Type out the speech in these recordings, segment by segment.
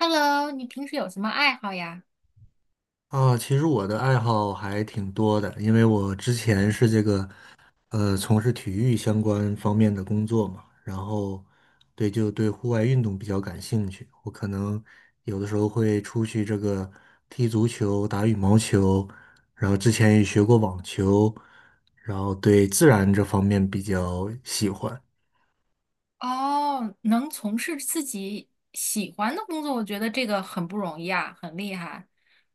Hello,你平时有什么爱好呀？啊，其实我的爱好还挺多的，因为我之前是这个从事体育相关方面的工作嘛，然后对户外运动比较感兴趣。我可能有的时候会出去这个踢足球、打羽毛球，然后之前也学过网球，然后对自然这方面比较喜欢。哦，能从事自己喜欢的工作，我觉得这个很不容易啊，很厉害。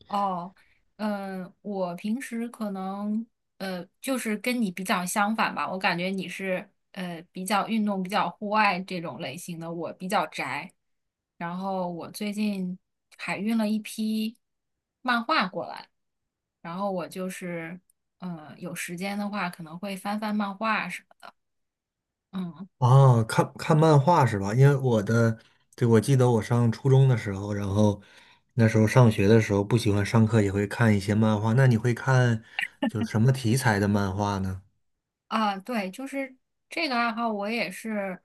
哦，嗯，我平时可能就是跟你比较相反吧，我感觉你是比较运动、比较户外这种类型的，我比较宅。然后我最近海运了一批漫画过来，然后我就是有时间的话可能会翻翻漫画。嗯哦，看看漫画是吧？因为我的，对，我记得我上初中的时候，然后那时候上学的时候不喜欢上课，也会看一些漫画。那你会看就是什么题材的漫画呢？啊，对，就是这个爱好，我也是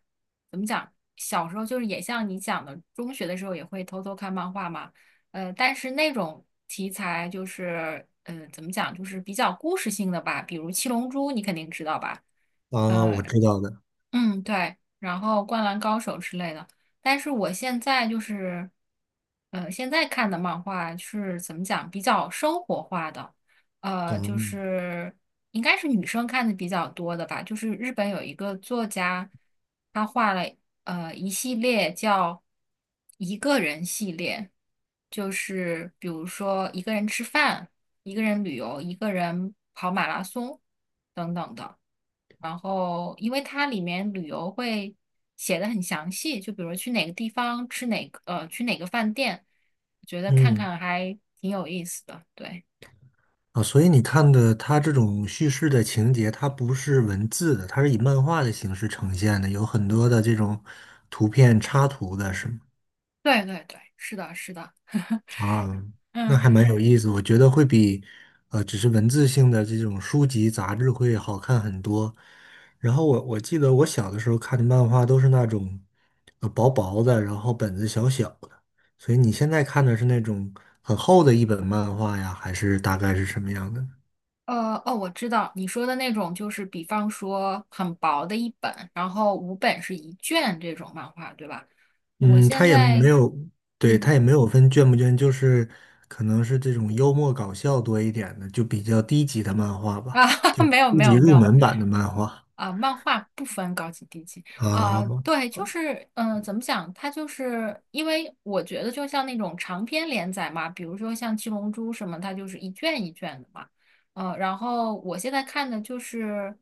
怎么讲？小时候就是也像你讲的，中学的时候也会偷偷看漫画嘛。但是那种题材就是怎么讲，就是比较故事性的吧，比如《七龙珠》，你肯定知道吧？啊，我呃。知道的。嗯，对，然后《灌篮高手》之类的。但是我现在就是，现在看的漫画是怎么讲，比较生活化的，就嗯是应该是女生看的比较多的吧。就是日本有一个作家，他画了一系列叫一个人系列，就是比如说一个人吃饭、一个人旅游、一个人跑马拉松等等的。然后，因为它里面旅游会写的很详细，就比如去哪个地方吃哪个，去哪个饭店，我觉得看嗯，看还挺有意思的。对，啊，所以你看的它这种叙事的情节，它不是文字的，它是以漫画的形式呈现的，有很多的这种图片插图的，是吗？对对对，是的，是的。啊，那嗯。还蛮有意思，我觉得会比只是文字性的这种书籍杂志会好看很多。然后我记得我小的时候看的漫画都是那种薄薄的，然后本子小小的。所以你现在看的是那种很厚的一本漫画呀，还是大概是什么样的？哦，我知道你说的那种，就是比方说很薄的一本，然后五本是一卷这种漫画，对吧？我嗯，现它也没在，有，对，它嗯，也没有分卷不卷，就是可能是这种幽默搞笑多一点的，就比较低级的漫画啊，吧，就没有低没级有没入有，门版的漫画。啊，漫画不分高级低级啊，啊，对，就是，嗯、怎么讲？它就是因为我觉得，就像那种长篇连载嘛，比如说像《七龙珠》什么，它就是一卷一卷的嘛，然后我现在看的就是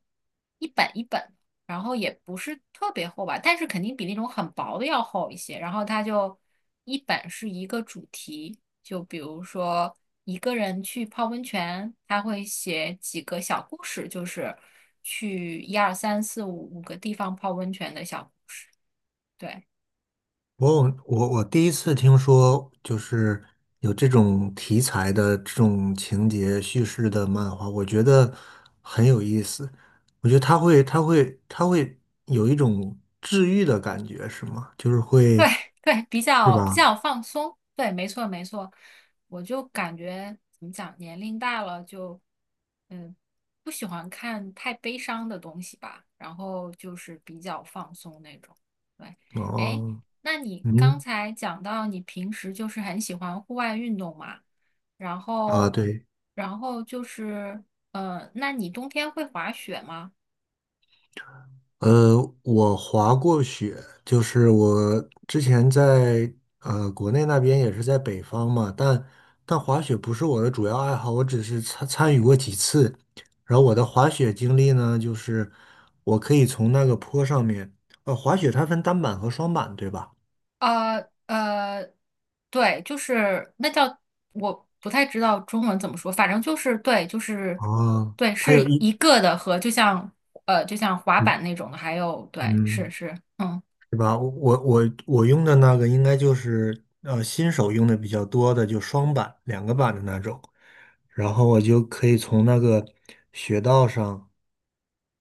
一本一本。然后也不是特别厚吧，但是肯定比那种很薄的要厚一些。然后它就一本是一个主题，就比如说一个人去泡温泉，他会写几个小故事，就是去一二三四五五个地方泡温泉的小，对。我有我我第一次听说，就是有这种题材的这种情节叙事的漫画，我觉得很有意思。我觉得它会有一种治愈的感觉，是吗？就是对会，对，比是较比吧？较放松，对，没错没错，我就感觉怎么讲，年龄大了就，嗯，不喜欢看太悲伤的东西吧，然后就是比较放松那种。对，哎，哦，那你刚嗯，才讲到你平时就是很喜欢户外运动嘛，然啊，后，对。然后就是，那你冬天会滑雪吗？呃，我滑过雪，就是我之前在国内那边也是在北方嘛，但滑雪不是我的主要爱好，我只是参与过几次。然后我的滑雪经历呢，就是我可以从那个坡上面，呃，滑雪它分单板和双板，对吧？呃呃，对，就是那叫我不太知道中文怎么说，反正就是对，就是哦，对，它是有一一，个的和就像就像滑嗯板那种的，还有对，是嗯，是，嗯是吧？我用的那个应该就是新手用的比较多的，就双板两个板的那种。然后我就可以从那个雪道上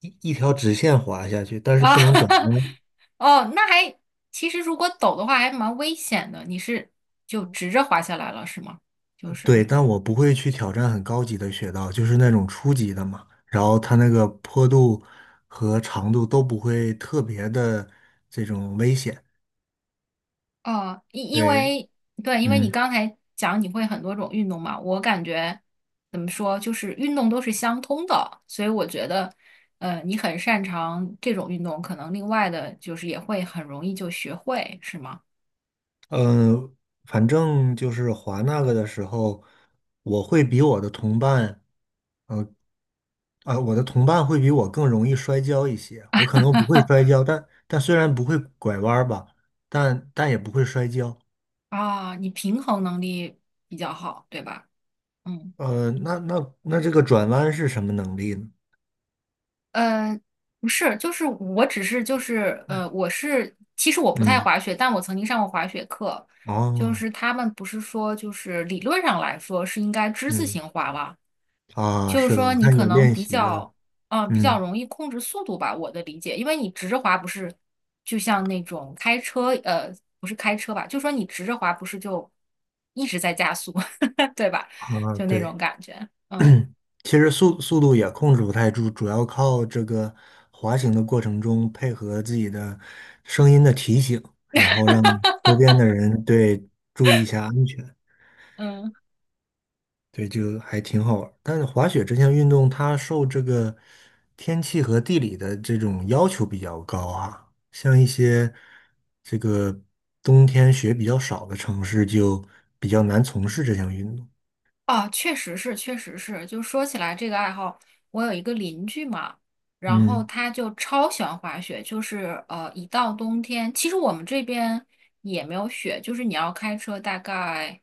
一条直线滑下去，但是啊，不能转 弯。哦，那还其实如果抖的话还蛮危险的，你是就直着滑下来了是吗？就是。对，但我不会去挑战很高级的雪道，就是那种初级的嘛。然后它那个坡度和长度都不会特别的这种危险。哦，因因对，为对，因为你嗯刚才讲你会很多种运动嘛，我感觉怎么说，就是运动都是相通的，所以我觉得，你很擅长这种运动，可能另外的就是也会很容易就学会，是吗？嗯，反正就是滑那个的时候，我会比我的同伴。呃，我的同伴会比我更容易摔跤一些，我可能不会摔跤，但虽然不会拐弯儿吧，但也不会摔跤。啊，你平衡能力比较好，对吧？嗯。呃，那这个转弯是什么能力呢？呃，不是，就是我只是就是我是其实我不太嗯，滑雪，但我曾经上过滑雪课，就哦，是他们不是说就是理论上来说是应该之字嗯形滑吧，啊，就是是的，说我你看有可能练比习的，较嗯、比嗯较容易控制速度吧，我的理解，因为你直着滑不是就像那种开车不是开车吧，就说你直着滑不是就一直在加速，对吧？啊，就那种对，感觉，嗯其实速度也控制不太住，主要靠这个滑行的过程中配合自己的声音的提醒，然后让周边的人对注意一下安全。嗯。对，就还挺好玩儿但是滑雪这项运动，它受这个天气和地理的这种要求比较高啊。像一些这个冬天雪比较少的城市，就比较难从事这项运动。啊，确实是，确实是。就说起来这个爱好，我有一个邻居嘛，然后嗯，他就超喜欢滑雪，就是一到冬天，其实我们这边也没有雪，就是你要开车大概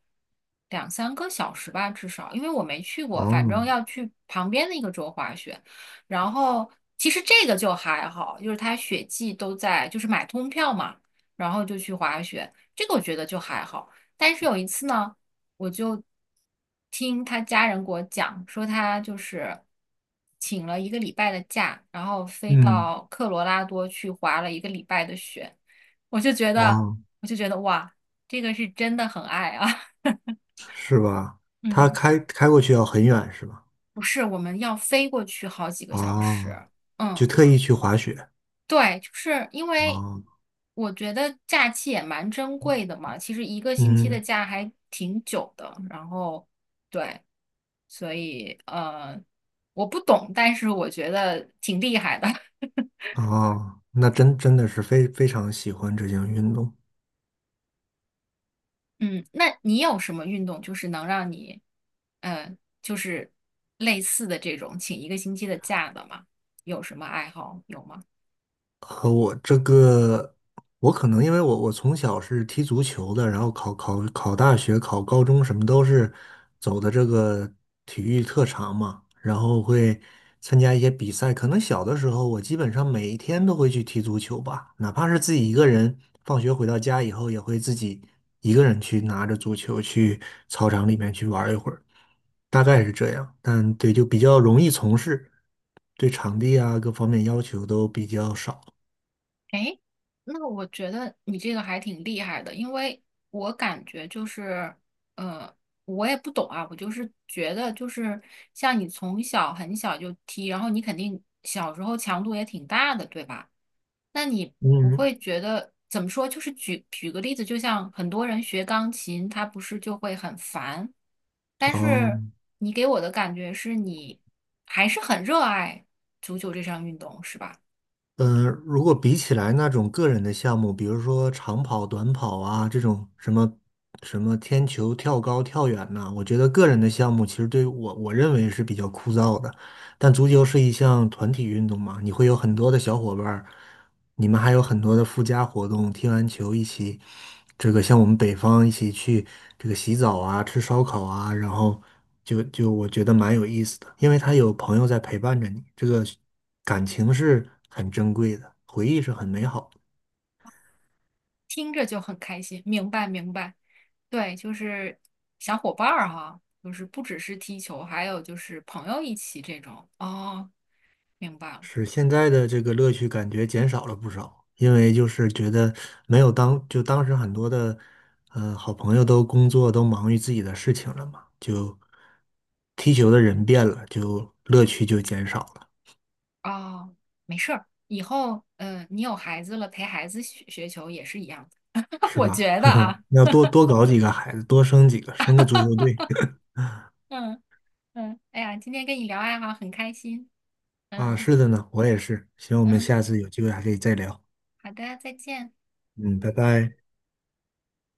两三个小时吧，至少，因为我没去过，反哦，正要去旁边的一个州滑雪。然后其实这个就还好，就是他雪季都在，就是买通票嘛，然后就去滑雪，这个我觉得就还好。但是有一次呢。我就听他家人给我讲，说他就是请了一个礼拜的假，然后飞嗯，到科罗拉多去滑了一个礼拜的雪，我就觉得，哦，我就觉得哇，这个是真的很爱啊。是吧？它嗯，开过去要很远是吧？不是，我们要飞过去好几个小哦，时。就嗯，特意去滑雪。对，就是因为哦，我觉得假期也蛮珍贵的嘛，其实一个星期的嗯，假还挺久的，然后。对。所以我不懂，但是我觉得挺厉害的。哦，那真的是非常喜欢这项运动。嗯，那你有什么运动就是能让你，呃，就是类似的这种请一个星期的假的吗？有什么爱好有吗？和我这个，我可能因为我从小是踢足球的，然后考大学、考高中什么都是走的这个体育特长嘛，然后会参加一些比赛。可能小的时候，我基本上每一天都会去踢足球吧，哪怕是自己一个人，放学回到家以后也会自己一个人去拿着足球去操场里面去玩一会儿，大概是这样。但对，就比较容易从事，对场地啊各方面要求都比较少。诶，那我觉得你这个还挺厉害的，因为我感觉就是，呃，我也不懂啊，我就是觉得就是像你从小很小就踢，然后你肯定小时候强度也挺大的，对吧？那你不嗯，会觉得怎么说？就是举个例子，就像很多人学钢琴，他不是就会很烦，但哦，是你给我的感觉是你还是很热爱足球这项运动，是吧？如果比起来那种个人的项目，比如说长跑、短跑啊，这种什么什么天球、跳高、跳远呐、我觉得个人的项目其实对我认为是比较枯燥的。但足球是一项团体运动嘛，你会有很多的小伙伴儿，你们还有很多的附加活动，踢完球一起，这个像我们北方一起去这个洗澡啊、吃烧烤啊，然后就我觉得蛮有意思的，因为他有朋友在陪伴着你，这个感情是很珍贵的，回忆是很美好的，听着就很开心。明白，明白。对，就是小伙伴儿哈，就是不只是踢球，还有就是朋友一起这种。哦，明白了。是现在的这个乐趣感觉减少了不少，因为就是觉得没有当时很多的好朋友都工作都忙于自己的事情了嘛，就踢球的人变了，就乐趣就减少了。哦，没事儿，以后嗯、你有孩子了，陪孩子学学球也是一样的。是我吧？觉得呵啊，要多多搞几个孩子，多生几个，生个足球队嗯嗯，哎呀，今天跟你聊爱好很开心。啊。嗯是的呢，我也是。行，我们嗯，下次有机会还可以再聊。好的，再见。嗯，拜拜。